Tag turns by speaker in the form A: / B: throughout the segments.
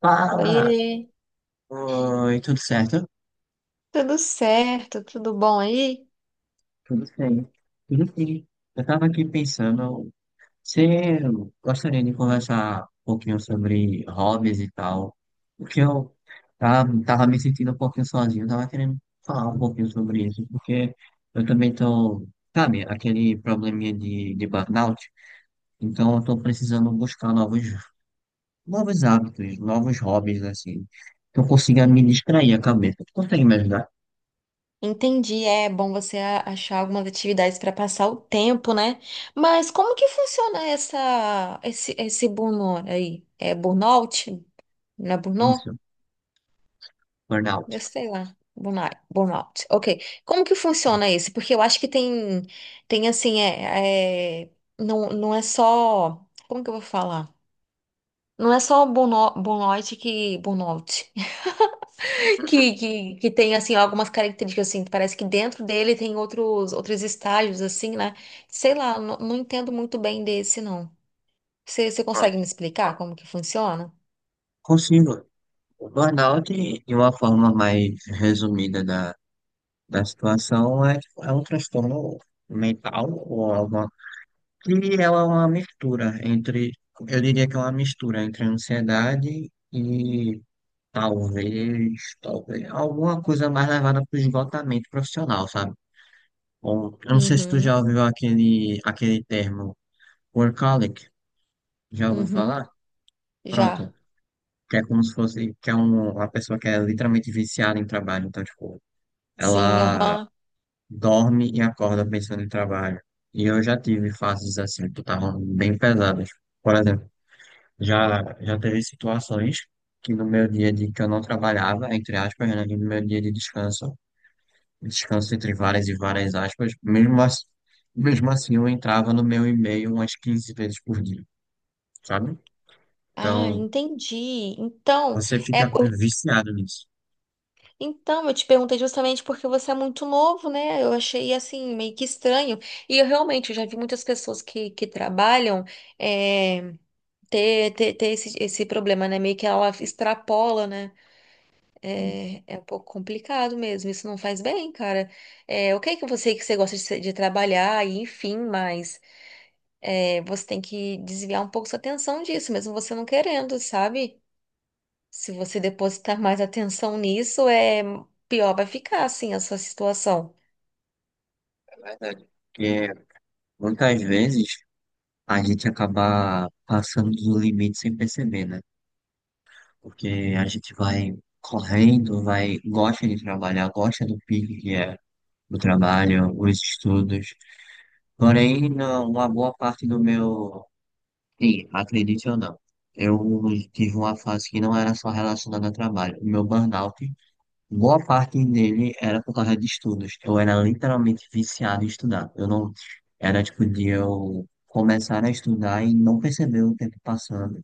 A: Fala!
B: Oiê,
A: Oi, tudo certo?
B: tudo certo? Tudo bom aí?
A: Tudo bem. Tudo sim. Eu estava aqui pensando, você gostaria de conversar um pouquinho sobre hobbies e tal? Porque eu tava me sentindo um pouquinho sozinho, tava querendo falar um pouquinho sobre isso, porque eu também tô, sabe, aquele probleminha de burnout, então eu tô precisando buscar novos, novos hábitos, novos hobbies, assim, que eu consiga me distrair a cabeça. Tu consegue me ajudar?
B: Entendi, é bom você achar algumas atividades para passar o tempo, né? Mas como que funciona essa esse esse burnout aí? É burnout? Não é burnout?
A: Isso, burnout.
B: Eu sei lá. Burnout, burnout. Ok. Como que funciona isso? Porque eu acho que tem assim não, não é só como que eu vou falar? Não é só burnout, burnout que burnout.
A: Uhum.
B: Que tem, assim, algumas características, assim, parece que dentro dele tem outros, outros estágios, assim, né? Sei lá, não, não entendo muito bem desse, não. Você
A: Concordo.
B: consegue me explicar como que funciona?
A: Consigo. O burnout, de uma forma mais resumida da situação, é, tipo, é um transtorno mental ou alguma, que ela é uma mistura entre, eu diria que é uma mistura entre ansiedade e talvez, talvez alguma coisa mais levada para o esgotamento profissional, sabe? Bom, eu não sei se tu
B: Uhum,
A: já ouviu aquele termo workaholic, já ouviu
B: uhum,
A: falar?
B: já.
A: Pronto, que é como se fosse, que é uma pessoa que é literalmente viciada em trabalho, então, tipo,
B: Sim,
A: ela
B: aham.
A: dorme e acorda pensando em trabalho. E eu já tive fases assim, que estavam bem pesadas. Por exemplo, já teve situações que no meu dia de que eu não trabalhava, entre aspas, né, e no meu dia de descanso, descanso entre várias e várias aspas, mesmo assim eu entrava no meu e-mail umas 15 vezes por dia, sabe?
B: Ah,
A: Então,
B: entendi. Então,
A: você
B: é,
A: fica
B: eu-
A: viciado nisso.
B: então eu te perguntei justamente porque você é muito novo, né? Eu achei assim meio que estranho. E eu realmente eu já vi muitas pessoas que trabalham eh, ter esse, esse problema, né? Meio que ela extrapola, né? É, é um pouco complicado mesmo. Isso não faz bem, cara. É, ok que você gosta de, de trabalhar e enfim, mas é, você tem que desviar um pouco sua atenção disso, mesmo você não querendo, sabe? Se você depositar mais atenção nisso, é pior vai ficar, assim, a sua situação.
A: É verdade. Porque muitas vezes a gente acaba passando do limite sem perceber, né? Porque a gente vai correndo, vai, gosta de trabalhar, gosta do pique que é o trabalho, os estudos. Porém, uma boa parte do meu. Sim, acredite ou não, eu tive uma fase que não era só relacionada a trabalho. O meu burnout, boa parte dele era por causa de estudos. Eu era literalmente viciado em estudar. Eu não era tipo de eu começar a estudar e não perceber o tempo passando.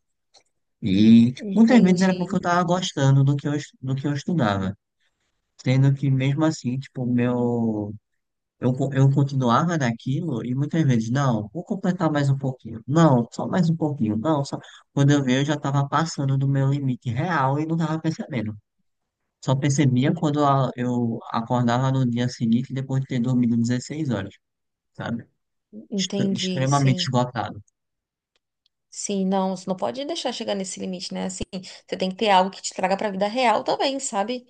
A: E tipo, muitas vezes era
B: Entendi,
A: porque eu tava gostando do que do que eu estudava. Sendo que mesmo assim, tipo, o meu eu, co- eu continuava naquilo e muitas vezes, não, vou completar mais um pouquinho. Não, só mais um pouquinho. Não, só. Quando eu vi, eu já estava passando do meu limite real e não estava percebendo. Só percebia
B: en-
A: quando eu acordava no dia seguinte, depois de ter dormido 16 horas, sabe? Estou
B: entendi,
A: extremamente
B: sim.
A: esgotado.
B: Sim, não, você não pode deixar chegar nesse limite, né? Assim, você tem que ter algo que te traga pra vida real também, sabe?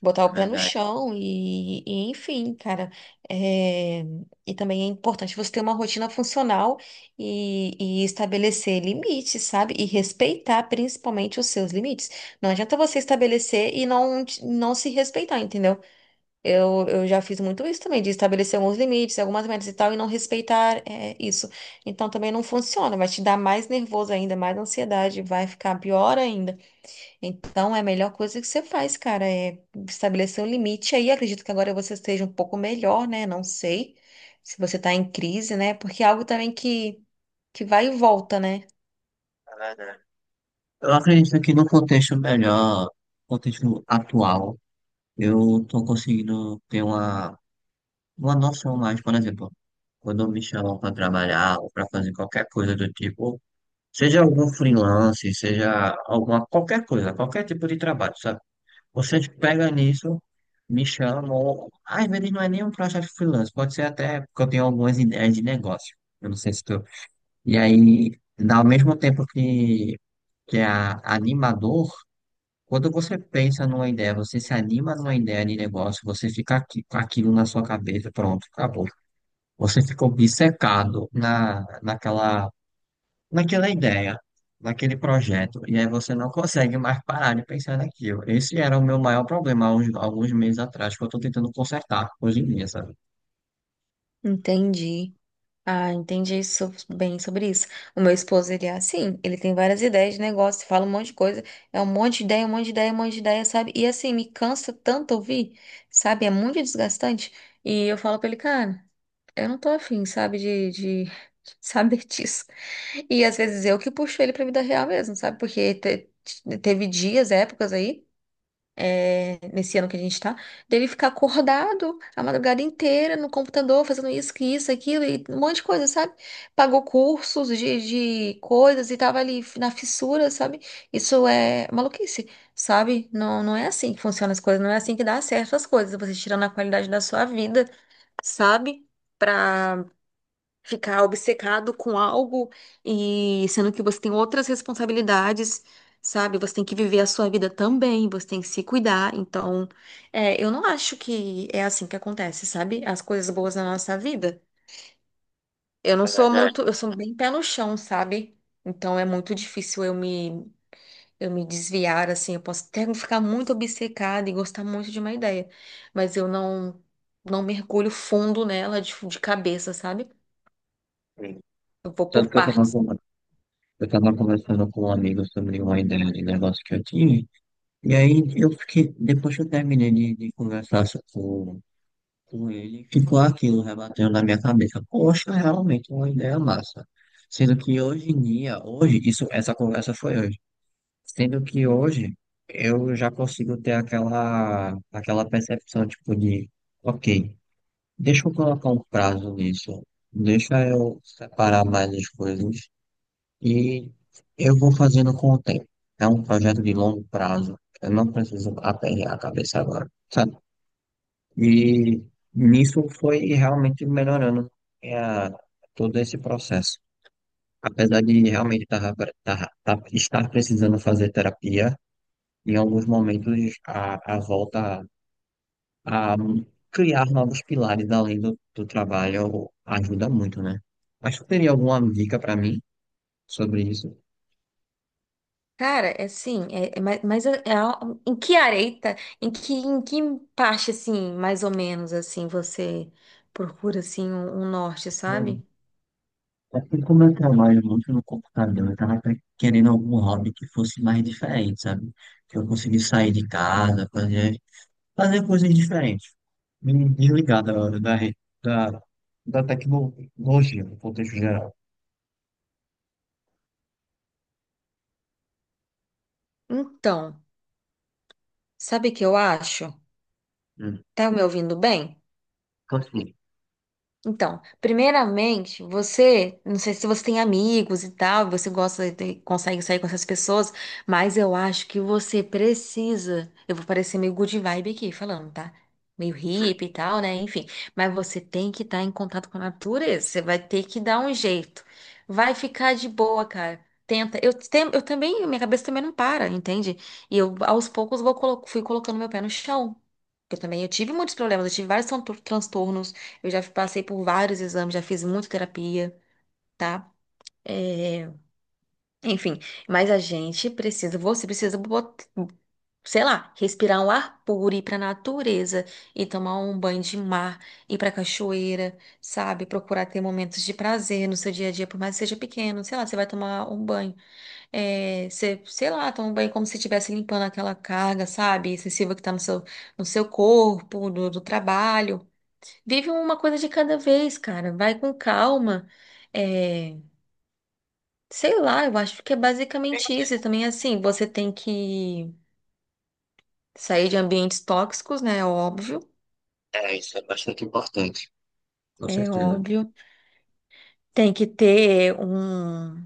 B: Botar
A: É
B: o pé no
A: verdade,
B: chão e enfim, cara. É, e também é importante você ter uma rotina funcional e estabelecer limites, sabe? E respeitar principalmente os seus limites. Não adianta você estabelecer e não, não se respeitar, entendeu? Eu já fiz muito isso também, de estabelecer alguns limites, algumas metas e tal, e não respeitar, é, isso. Então também não funciona, vai te dar mais nervoso ainda, mais ansiedade, vai ficar pior ainda. Então, é a melhor coisa que você faz, cara, é estabelecer um limite aí. Acredito que agora você esteja um pouco melhor, né? Não sei se você tá em crise, né? Porque é algo também que vai e volta, né?
A: é verdade. Eu acredito que no contexto melhor, contexto atual, eu estou conseguindo ter uma. Uma noção mais, por exemplo, quando me chamam para trabalhar ou para fazer qualquer coisa do tipo, seja algum freelance, seja alguma qualquer coisa, qualquer tipo de trabalho, sabe? Vocês pegam nisso, me chamam, às vezes não é nem um projeto freelance, pode ser até porque eu tenho algumas ideias de negócio. Eu não sei se tu. E aí, ao mesmo tempo que animador, quando você pensa numa ideia, você se anima numa ideia de negócio, você fica aqui, com aquilo na sua cabeça, pronto, acabou. Você ficou obcecado na, naquela, naquela ideia, naquele projeto, e aí você não consegue mais parar de pensar naquilo. Esse era o meu maior problema há uns, alguns meses atrás, que eu estou tentando consertar hoje em dia, sabe?
B: Entendi. Ah, entendi bem sobre isso. O meu esposo, ele é assim, ele tem várias ideias de negócio, fala um monte de coisa, é um monte de ideia, um monte de ideia, um monte de ideia, sabe? E assim, me cansa tanto ouvir, sabe? É muito desgastante. E eu falo pra ele, cara, eu não tô afim, sabe, de saber disso. E às vezes eu que puxo ele pra vida real mesmo, sabe? Porque teve dias, épocas aí, é, nesse ano que a gente tá, dele ficar acordado a madrugada inteira no computador, fazendo isso, que isso, aquilo, e um monte de coisa, sabe? Pagou cursos de coisas e tava ali na fissura, sabe? Isso é maluquice, sabe? Não, não é assim que funcionam as coisas, não é assim que dá certo as coisas, você tirando a qualidade da sua vida, sabe? Pra ficar obcecado com algo e sendo que você tem outras responsabilidades, sabe? Você tem que viver a sua vida também, você tem que se cuidar. Então, é, eu não acho que é assim que acontece, sabe? As coisas boas na nossa vida. Eu não
A: É
B: sou
A: verdade.
B: muito, eu sou bem pé no chão, sabe? Então é muito difícil eu me desviar assim, eu posso até ficar muito obcecada e gostar muito de uma ideia, mas eu não mergulho fundo nela de cabeça, sabe?
A: Sim.
B: Eu vou por
A: Tanto que eu
B: partes.
A: estava eu tava conversando com um amigo sobre uma ideia de negócio que eu tinha, e aí eu fiquei, depois que eu terminei de com ele, ficou aquilo rebatendo na minha cabeça. Poxa, realmente uma ideia massa. Sendo que hoje em dia, hoje, isso, essa conversa foi hoje. Sendo que hoje eu já consigo ter aquela, aquela percepção, tipo, de, ok, deixa eu colocar um prazo nisso, deixa eu separar mais as coisas e eu vou fazendo com o tempo. É um projeto de longo prazo. Eu não preciso aperrear a cabeça agora. Sabe? E nisso foi realmente melhorando é, todo esse processo. Apesar de realmente tava, estar precisando fazer terapia, em alguns momentos a volta a criar novos pilares além do trabalho ajuda muito, né? Mas tu teria alguma dica para mim sobre isso?
B: Cara, é assim, é, é mais, mas em que areita, em que parte, assim, mais ou menos, assim, você procura, assim, um norte,
A: É,
B: sabe?
A: assim como eu trabalho muito no computador, eu estava querendo algum hobby que fosse mais diferente, sabe? Que eu conseguisse sair de casa, fazer coisas diferentes, me desligar da, da tecnologia, no contexto geral.
B: Então, sabe o que eu acho?
A: Hum.
B: Tá me ouvindo bem?
A: Continue.
B: Então, primeiramente, você, não sei se você tem amigos e tal, você gosta de, consegue sair com essas pessoas, mas eu acho que você precisa. Eu vou parecer meio good vibe aqui falando, tá? Meio hippie e tal, né? Enfim, mas você tem que estar em contato com a natureza, você vai ter que dar um jeito. Vai ficar de boa, cara. Tenta. Eu, eu também, minha cabeça também não para, entende? E eu, aos poucos, vou, fui colocando meu pé no chão. Eu também, eu tive muitos problemas, eu tive vários transtornos. Eu já passei por vários exames, já fiz muita terapia, tá? É, enfim, mas a gente precisa, você precisa, sei lá, respirar um ar puro, ir pra natureza e tomar um banho de mar, ir pra cachoeira, sabe? Procurar ter momentos de prazer no seu dia a dia, por mais que seja pequeno, sei lá, você vai tomar um banho, é, você, sei lá, toma um banho como se estivesse limpando aquela carga, sabe? Excessiva que tá no seu, no seu corpo, do trabalho. Vive uma coisa de cada vez, cara. Vai com calma. É, sei lá, eu acho que é basicamente isso. E também, assim, você tem que sair de ambientes tóxicos, né? É óbvio.
A: É, isso é bastante importante, com
B: É
A: certeza.
B: óbvio. Tem que ter um.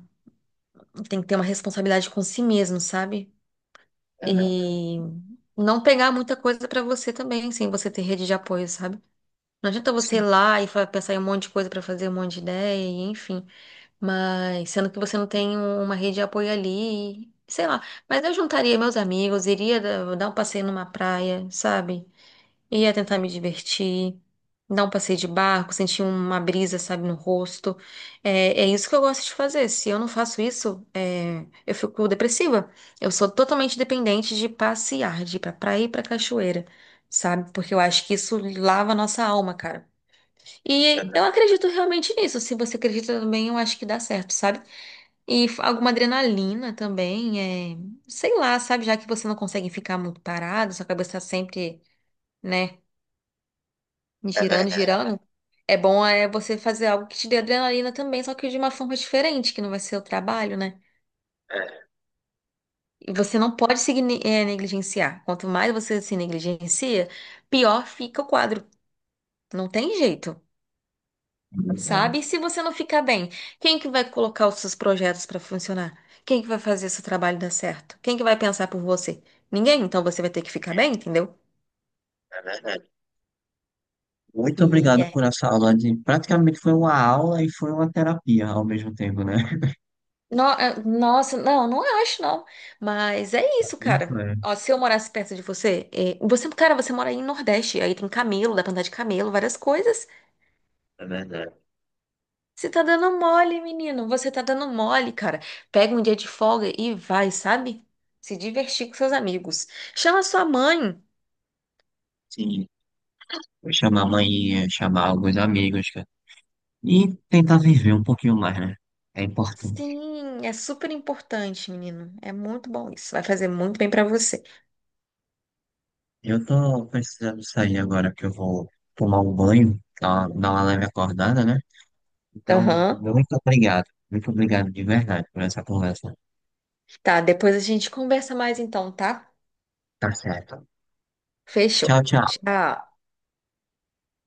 B: Tem que ter uma responsabilidade com si mesmo, sabe?
A: É verdade.
B: E não pegar muita coisa pra você também, sem você ter rede de apoio, sabe? Não adianta você ir
A: Sim,
B: lá e pensar em um monte de coisa pra fazer, um monte de ideia, e enfim. Mas sendo que você não tem uma rede de apoio ali, sei lá. Mas eu juntaria meus amigos, iria dar um passeio numa praia, sabe? Ia tentar me divertir, dar um passeio de barco, sentir uma brisa, sabe, no rosto. É, é isso que eu gosto de fazer. Se eu não faço isso, é, eu fico depressiva. Eu sou totalmente dependente de passear, de ir pra praia e pra cachoeira, sabe? Porque eu acho que isso lava a nossa alma, cara.
A: é
B: E eu
A: ver-
B: acredito realmente nisso. Se você acredita também, eu acho que dá certo, sabe? E alguma adrenalina também, é, sei lá, sabe? Já que você não consegue ficar muito parado, sua cabeça tá sempre, né,
A: é
B: girando,
A: verdade.
B: girando. É bom é você fazer algo que te dê adrenalina também, só que de uma forma diferente, que não vai ser o trabalho, né?
A: É.
B: E você não pode se negligenciar. Quanto mais você se negligencia, pior fica o quadro. Não tem jeito. Sabe? E se você não ficar bem, quem que vai colocar os seus projetos para funcionar? Quem que vai fazer seu trabalho dar certo? Quem que vai pensar por você? Ninguém, então você vai ter que ficar bem, entendeu?
A: É verdade. Muito
B: E
A: obrigado
B: é.
A: por essa aula de... Praticamente foi uma aula e foi uma terapia ao mesmo tempo, né?
B: É, nossa, não, não acho, não. Mas é
A: Pra
B: isso,
A: mim
B: cara.
A: foi.
B: Ó, se eu morasse perto de você, é, você, cara, você mora aí no Nordeste, aí tem camelo, dá pra andar de camelo, várias coisas.
A: É verdade.
B: Você tá dando mole, menino. Você tá dando mole, cara. Pega um dia de folga e vai, sabe? Se divertir com seus amigos. Chama sua mãe.
A: Sim. Vou chamar a mãe, chamar alguns amigos, cara. E tentar viver um pouquinho mais, né? É importante.
B: Sim, é super importante, menino. É muito bom isso. Vai fazer muito bem pra você.
A: Eu tô precisando sair agora que eu vou tomar um banho, tá? Dar uma leve acordada, né? Então,
B: Aham.
A: muito obrigado. Muito obrigado de verdade por essa conversa.
B: Tá, depois a gente conversa mais então, tá?
A: Tá certo.
B: Fechou.
A: Tchau, tchau.
B: Tchau.